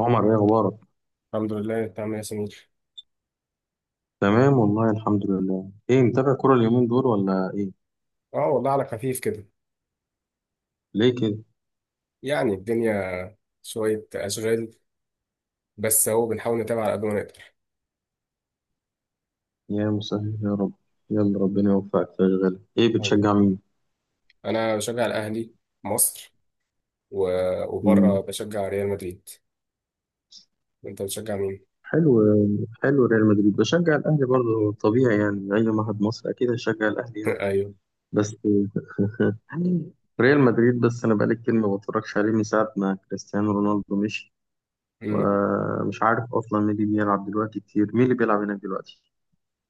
عمر، ايه اخبارك؟ الحمد لله، انت عامل ايه يا سمير؟ تمام والله الحمد لله. ايه، متابع كرة اليومين دول ولا ايه؟ اه والله، على خفيف كده. ليه كده؟ يعني الدنيا، شوية أشغال، بس هو بنحاول نتابع على قد ما نقدر. يا مسهل يا رب. يلا ربنا يوفقك في اشغالك. ايه يعني بتشجع مين؟ أنا بشجع الأهلي، مصر، و... وبره مم. بشجع ريال مدريد. أنت بتشجع مين؟ حلو. حلو، ريال مدريد. بشجع الاهلي برضه، طبيعي يعني، اي واحد مصري اكيد هيشجع الاهلي يعني. أيوه. بس يعني، ريال مدريد بس انا بقالي كتير ما بتفرجش عليه من ساعة ما كريستيانو رونالدو مشي. امم ومش عارف اصلا مين اللي بيلعب دلوقتي، كتير مين اللي بيلعب هناك دلوقتي.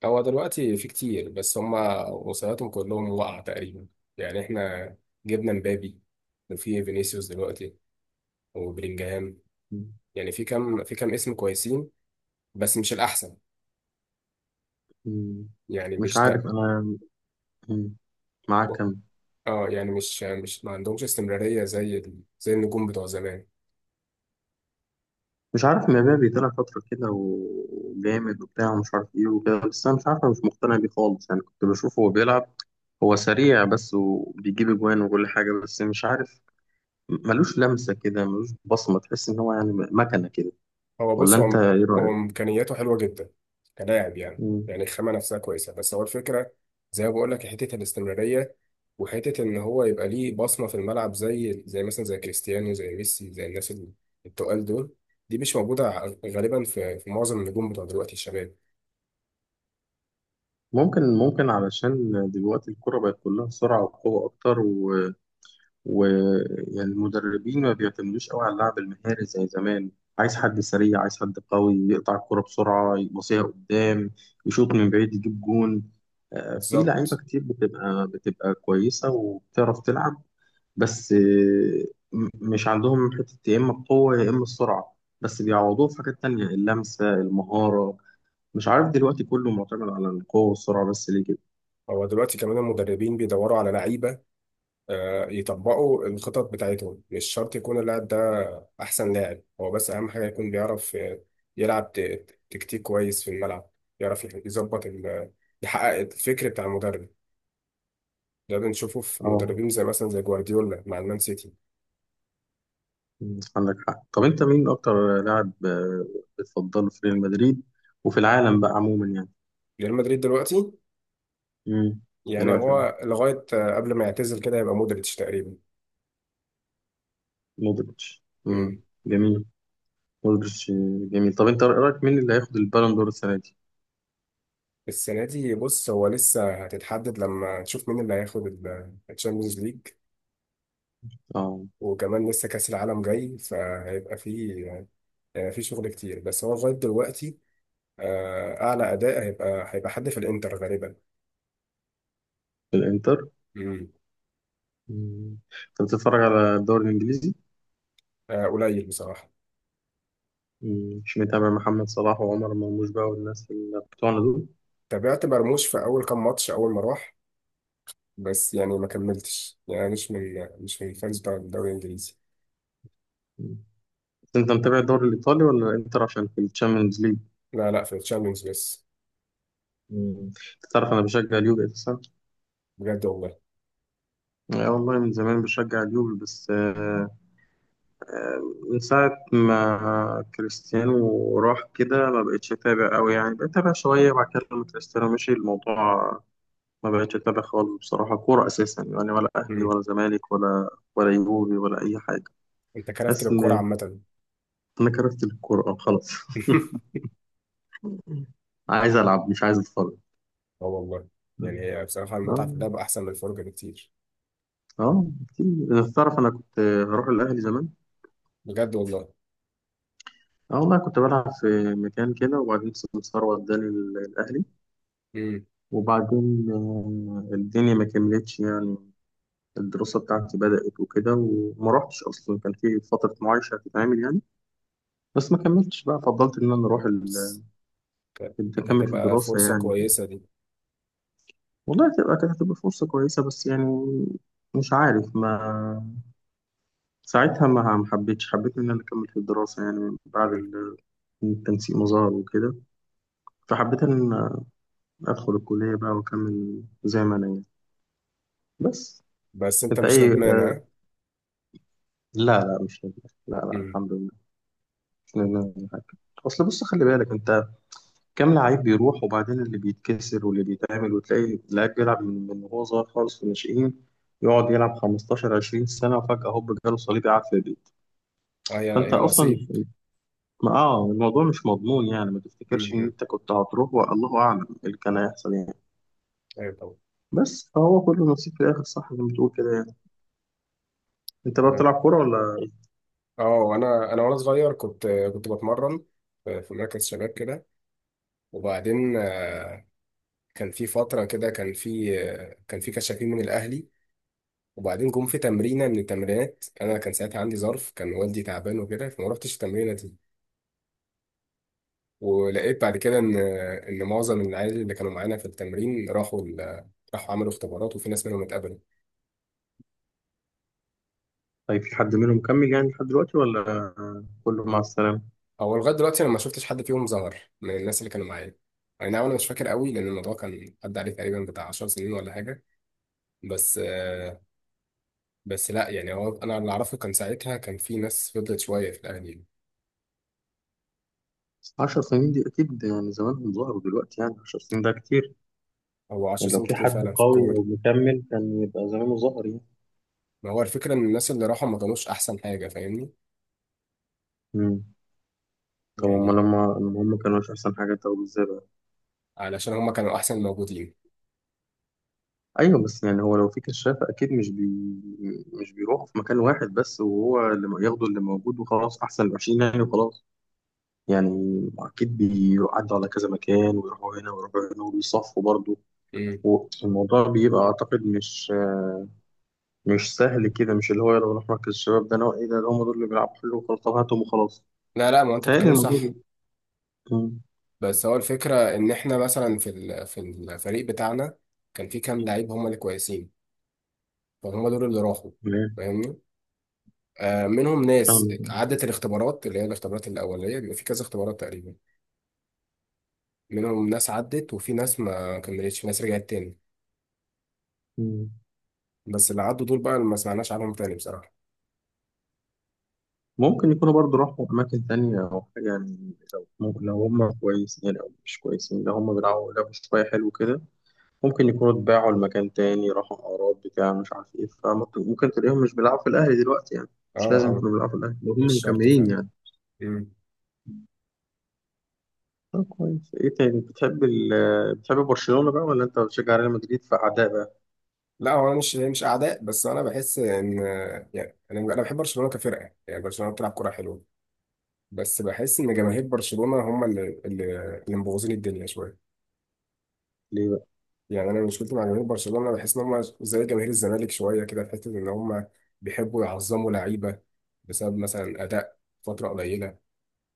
هو دلوقتي في كتير، بس هما وصياتهم كلهم وقع تقريبا. يعني إحنا جبنا مبابي، وفي فينيسيوس دلوقتي، وبلينجهام. مم. يعني في كام، في كام اسم كويسين، بس مش الأحسن. مم. يعني مش مش عارف ده. انا. مم. معاك كم؟ اه، يعني مش ما عندهمش استمرارية زي زي النجوم بتوع زمان. مش عارف، مبابي طلع فترة كده وجامد وبتاع ومش عارف ايه وكده، بس أنا مش عارف، أنا مش مقتنع بيه خالص يعني. كنت بشوفه وهو بيلعب، هو سريع بس وبيجيب أجوان وكل حاجة، بس مش عارف. ملوش لمسة كده، ملوش بصمة، تحس إن هو يعني مكنة كده. هو ولا بص أنت هو إيه هو رأيك؟ إمكانياته حلوة جدا كلاعب، يعني مم. يعني الخامة نفسها كويسة، بس هو الفكرة، زي ما بقول لك، حتة الاستمرارية، وحتة إن هو يبقى ليه بصمة في الملعب، زي زي مثلا زي كريستيانو، زي ميسي، زي الناس التقال دول. دي مش موجودة غالبا في في معظم النجوم بتوع دلوقتي الشباب. ممكن علشان دلوقتي الكرة بقت كلها سرعة وقوة أكتر. ويعني المدربين ما بيعتمدوش قوي على اللعب المهاري زي زمان. عايز حد سريع، عايز حد قوي يقطع الكرة بسرعة، يبصيها قدام، يشوط من بعيد، يجيب جون. آه، في لعيبة بالظبط. كتير بتبقى كويسة وبتعرف تلعب. بس مش عندهم حتة، يا إما القوة يا إما السرعة، بس بيعوضوه في حاجات تانية، اللمسة، المهارة. مش عارف، دلوقتي كله معتمد على القوة والسرعة بس، ليه كده؟ هو دلوقتي كمان المدربين بيدوروا على لعيبة يطبقوا الخطط بتاعتهم، مش شرط يكون اللاعب ده أحسن لاعب، هو بس أهم حاجة يكون بيعرف يلعب تكتيك كويس في الملعب، يعرف يظبط يحقق الفكر بتاع المدرب. ده بنشوفه في اه. مدربين زي مثلا زي جوارديولا مع المان سيتي. مم، عندك حق. طب انت مين اكتر لاعب بتفضله في ريال مدريد وفي العالم بقى عموما يعني؟ ريال مدريد دلوقتي، مم. يعني دلوقتي هو لغاية قبل ما يعتزل كده، يبقى مودريتش تقريبا. مودريتش. مم. مم. جميل. مودريتش جميل. طب انت رايك مين اللي هياخد البالون دور السنه دي؟ السنة دي بص، هو لسه هتتحدد لما نشوف مين اللي هياخد الشامبيونز ليج، اه وكمان لسه كأس العالم جاي، فهيبقى فيه في شغل كتير. بس هو لغاية دلوقتي، أعلى أداء هيبقى حد في الإنتر غالبا. الانتر. مم. مم. انت بتتفرج على الدوري الانجليزي؟ قليل بصراحة. مم. مش متابع محمد صلاح وعمر مرموش بقى والناس اللي بتوعنا دول؟ تابعت مرموش في أول كام ماتش أول ما راح، بس يعني ما كملتش. يعني مش من الفانز بتاع الدوري الإنجليزي. مم. بس انت متابع الدوري الايطالي ولا الانتر عشان في الشامبيونز ليج؟ لا لا، في الشامبيونز بس. مم. انت تعرف انا بشجع اليوفي اساسا. بجد والله. لا والله، من زمان بشجع اليوفي بس آه، من ساعة ما كريستيانو راح كده ما بقتش أتابع أوي يعني. بقيت أتابع شوية بعد كده لما كريستيانو مشي. الموضوع ما بقتش أتابع خالص بصراحة كورة أساسا يعني، ولا أهلي مم. ولا زمالك ولا، ولا يوفي ولا أي حاجة. أنت كرفت حاسس للكورة إن عامة؟ أنا كرفت الكورة خلاص. عايز ألعب مش عايز أتفرج. اه والله، يعني هي بصراحة المتعة آه، في اللعب أحسن من الفرجة بكتير. آه كتير. تعرف أنا كنت هروح الأهلي زمان. بجد والله. اه والله، كنت بلعب في مكان كده وبعدين سمسار وداني الأهلي. مم. وبعدين الدنيا ما كملتش يعني. الدراسة بتاعتي بدأت وكده وما رحتش. أصلا كان في فترة معايشة هتتعمل يعني، بس ما كملتش بقى. فضلت إن أنا أروح بس كانت أكمل في هتبقى الدراسة فرصة يعني كده. كويسة دي. والله تبقى كانت هتبقى فرصة كويسة، بس يعني مش عارف. ما ساعتها ما حبيتش، حبيت إن أنا أكمل في الدراسة يعني بعد مم. التنسيق مظهر وكده. فحبيت إن أدخل الكلية بقى وأكمل زي ما أنا يعني. بس بس أنت انت مش اي ندمان آه، ها؟ لا لا مش ندمان، لا لا الحمد لله. مش ندمان على حاجه. اصل بص، خلي بالك انت كام لعيب بيروح وبعدين اللي بيتكسر واللي بيتعمل، وتلاقي لعيب بيلعب من وهو صغير خالص في الناشئين، يقعد يلعب 15 20 سنه وفجاه هوب جاله صليبي قاعد في البيت. اه، يا فانت يا اصلا نصيب. ما اه الموضوع مش مضمون يعني. ما تفتكرش ان مم. انت كنت هتروح، والله اعلم ايه اللي كان هيحصل يعني. ايوه طبعا. بس هو كله نصيب في الاخر، صح؟ زي ما بتقول كده يعني. انت بقى تمام. بتلعب كوره ولا؟ اه، انا وانا صغير كنت، كنت بتمرن في في مركز شباب كده، وبعدين كان في فتره كده، كان في كان في كشافين من الاهلي، وبعدين جم في تمرينه من التمرينات، انا كان ساعتها عندي ظرف، كان والدي تعبان وكده، فما رحتش التمرينه دي. ولقيت بعد كده ان ان معظم العيال اللي كانوا معانا في التمرين راحوا راحوا عملوا اختبارات، وفي ناس منهم اتقبلوا. طيب في حد منهم مكمل يعني لحد دلوقتي ولا كله مع السلامه؟ هو لغايه دلوقتي انا ما شفتش حد فيهم ظهر من الناس اللي كانوا معايا. اي نعم، انا مش فاكر قوي لان الموضوع كان عدى عليه تقريبا بتاع 10 سنين ولا حاجه. بس بس لا يعني، هو انا اللي اعرفه كان ساعتها كان في ناس فضلت شويه في الاهلي. 10 سنين دي أكيد يعني زمانهم ظهروا دلوقتي، يعني 10 سنين ده كتير. هو 10 يعني لو سنين في كتير حد فعلا في الكوره. قوي أو مكمل كان يبقى زمانه ظهر يعني. ما هو الفكره ان الناس اللي راحوا ما كانوش احسن حاجه، فاهمني؟ مم. طب هما يعني لما هما كانوا مش أحسن حاجة، طب إزاي بقى؟ علشان هم كانوا احسن الموجودين. أيوه بس يعني هو لو في كشاف أكيد مش بيروحوا في مكان واحد بس وهو اللي ياخدوا اللي موجود وخلاص، أحسن العشرين يعني وخلاص. يعني أكيد بيعدوا على كذا مكان، ويروحوا هنا ويروحوا هنا وبيصفوا برضه. مم. والموضوع بيبقى أعتقد مش سهل كده. مش اللي هو يلا نروح مركز الشباب ده نوع ايه ده، ده هم دول اللي بيلعبوا حلو وخلاص، طب هاتهم وخلاص. لا لا، ما انت تهيألي بتتكلم الموضوع ده. صح. مم. بس هو الفكره ان احنا مثلا في في الفريق بتاعنا كان في كام لعيب هم اللي كويسين، فهم دول اللي راحوا، لا. فاهمني؟ منهم ناس فاهم. عدت الاختبارات، اللي هي الاختبارات الأولية، بيبقى في كذا اختبارات تقريبا. منهم ناس عدت، وفي ناس ما كملتش، في ناس رجعت تاني. مم. بس اللي عدوا دول بقى اللي ما سمعناش عنهم تاني بصراحة. ممكن يكونوا برضو راحوا أماكن تانية أو حاجة يعني، لو ممكن لو هم كويسين يعني أو مش كويسين، لو هم بيلعبوا لعبوا شوية حلو كده، ممكن يكونوا اتباعوا لمكان تاني راحوا أعراض بتاع مش عارف إيه. فممكن تلاقيهم مش بيلعبوا في الأهلي دلوقتي يعني. اه مش لازم اه. يكونوا بيلعبوا في الأهلي لو مش هم شرط مكملين فعلا. يعني. مم. طب كويس. إيه تاني، بتحب برشلونة بقى ولا أنت بتشجع ريال مدريد فأعداء لا، هو انا مش اعداء، بس انا بحس ان، يعني انا بحب برشلونة كفرقة، يعني برشلونة بتلعب كرة حلوة، بس بحس ان بقى؟ جماهير برشلونة هم اللي مبوظين الدنيا شوية. ليه بقى؟ يعني انا مشكلتي مع جماهير برشلونه، بحس ان هم زي جماهير الزمالك شويه كده، في حته ان هم بيحبوا يعظموا لعيبه بسبب مثلا اداء فتره قليله،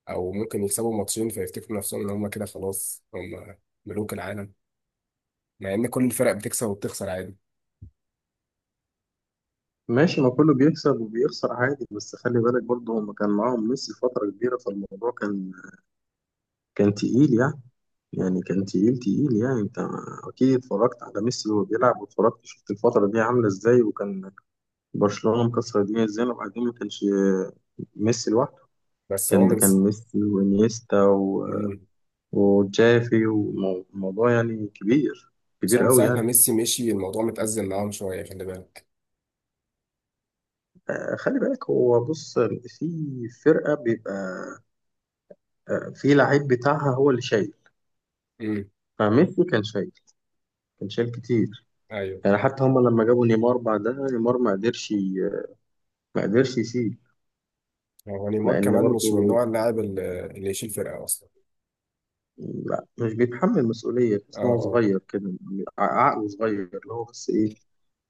او ممكن يكسبوا ماتشين فيفتكروا نفسهم ان هم كده خلاص هم ملوك العالم، مع ان كل الفرق بتكسب وبتخسر عادي. ماشي، ما كله بيكسب وبيخسر عادي، بس خلي بالك برضه هم كان معاهم ميسي فترة كبيرة، فالموضوع كان تقيل يعني. يعني كان تقيل تقيل يعني. انت اكيد اتفرجت على ميسي وهو بيلعب، واتفرجت شفت الفترة دي عاملة ازاي، وكان برشلونة مكسر الدنيا ازاي. وبعدين ما كانش ميسي لوحده. بس هو كان ده من كان س... ميسي وانيستا مم. وجافي، والموضوع يعني كبير، بس هو كبير من قوي ساعه ما يعني. ميسي مشي، الموضوع متأزم معاهم شويه، خلي بالك. خلي بالك، هو بص، في فرقة بيبقى في لعيب بتاعها هو اللي شايل. امم. فميسي كان شايل كتير. ايوه. يعني حتى هما لما جابوا نيمار بعدها نيمار ما قدرش يشيل. هو نيمار لأن كمان مش من برضه، نوع اللاعب اللي يشيل فرقه اصلا. لا مش بيتحمل مسؤولية، اه تحس إن هو اه. صغير كده، ع- عقله صغير اللي هو بس إيه،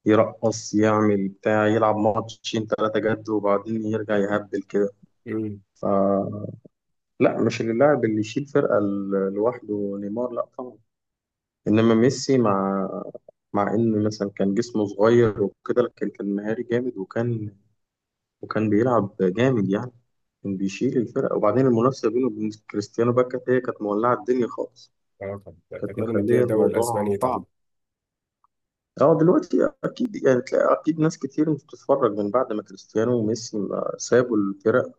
يرقص يعمل بتاع، يلعب ماتشين تلاتة جد وبعدين يرجع يهبل كده. امم. فلا، مش اللاعب اللي يشيل فرقة لوحده نيمار، لا طبعا. إنما ميسي، مع إن مثلا كان جسمه صغير وكده، لكن كان مهاري جامد، وكان بيلعب جامد يعني. كان بيشيل الفرقة. وبعدين المنافسة بينه وبين كريستيانو بقى كانت، هي كانت مولعة الدنيا خالص. اه، كان، كان كانت تاني مديها مخلية الدوري الموضوع الاسباني. صعب. اه دلوقتي اكيد يعني، تلاقي اكيد ناس كتير مش بتتفرج من بعد ما كريستيانو وميسي ما سابوا الفرق.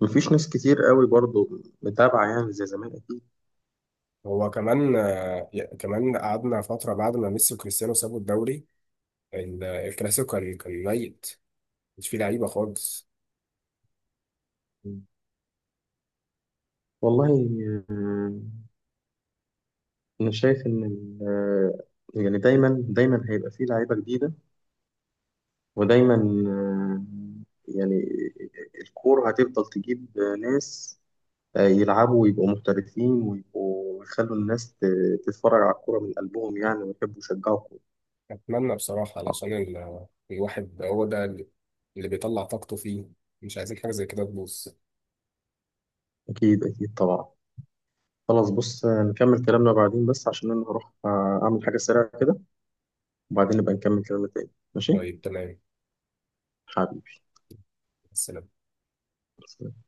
مفيش ناس كتير قوي برضو متابعة يعني زي زمان اكيد. هو كمان كمان قعدنا فترة بعد ما ميسي وكريستيانو سابوا الدوري، الكلاسيكو كان، كان ميت، مش فيه لعيبة خالص. والله. آه، انا شايف ان يعني دايما هيبقى فيه لعيبة جديدة. ودايما يعني الكورة هتفضل تجيب ناس يلعبوا ويبقوا محترفين ويبقوا يخلوا الناس تتفرج على الكورة من قلبهم يعني، ويحبوا يشجعوا الكورة. أتمنى بصراحة آه، علشان الواحد هو ده اللي، اللي بيطلع طاقته فيه، مش عايزين حاجة زي كده تبوظ. أكيد أكيد طبعا. خلاص بص، نكمل كلامنا بعدين بس عشان أنا هروح أعمل حاجة سريعة كده. وبعدين نبقى نكمل كلامنا تاني، ماشي؟ طيب تمام. حبيبي. بس سلام.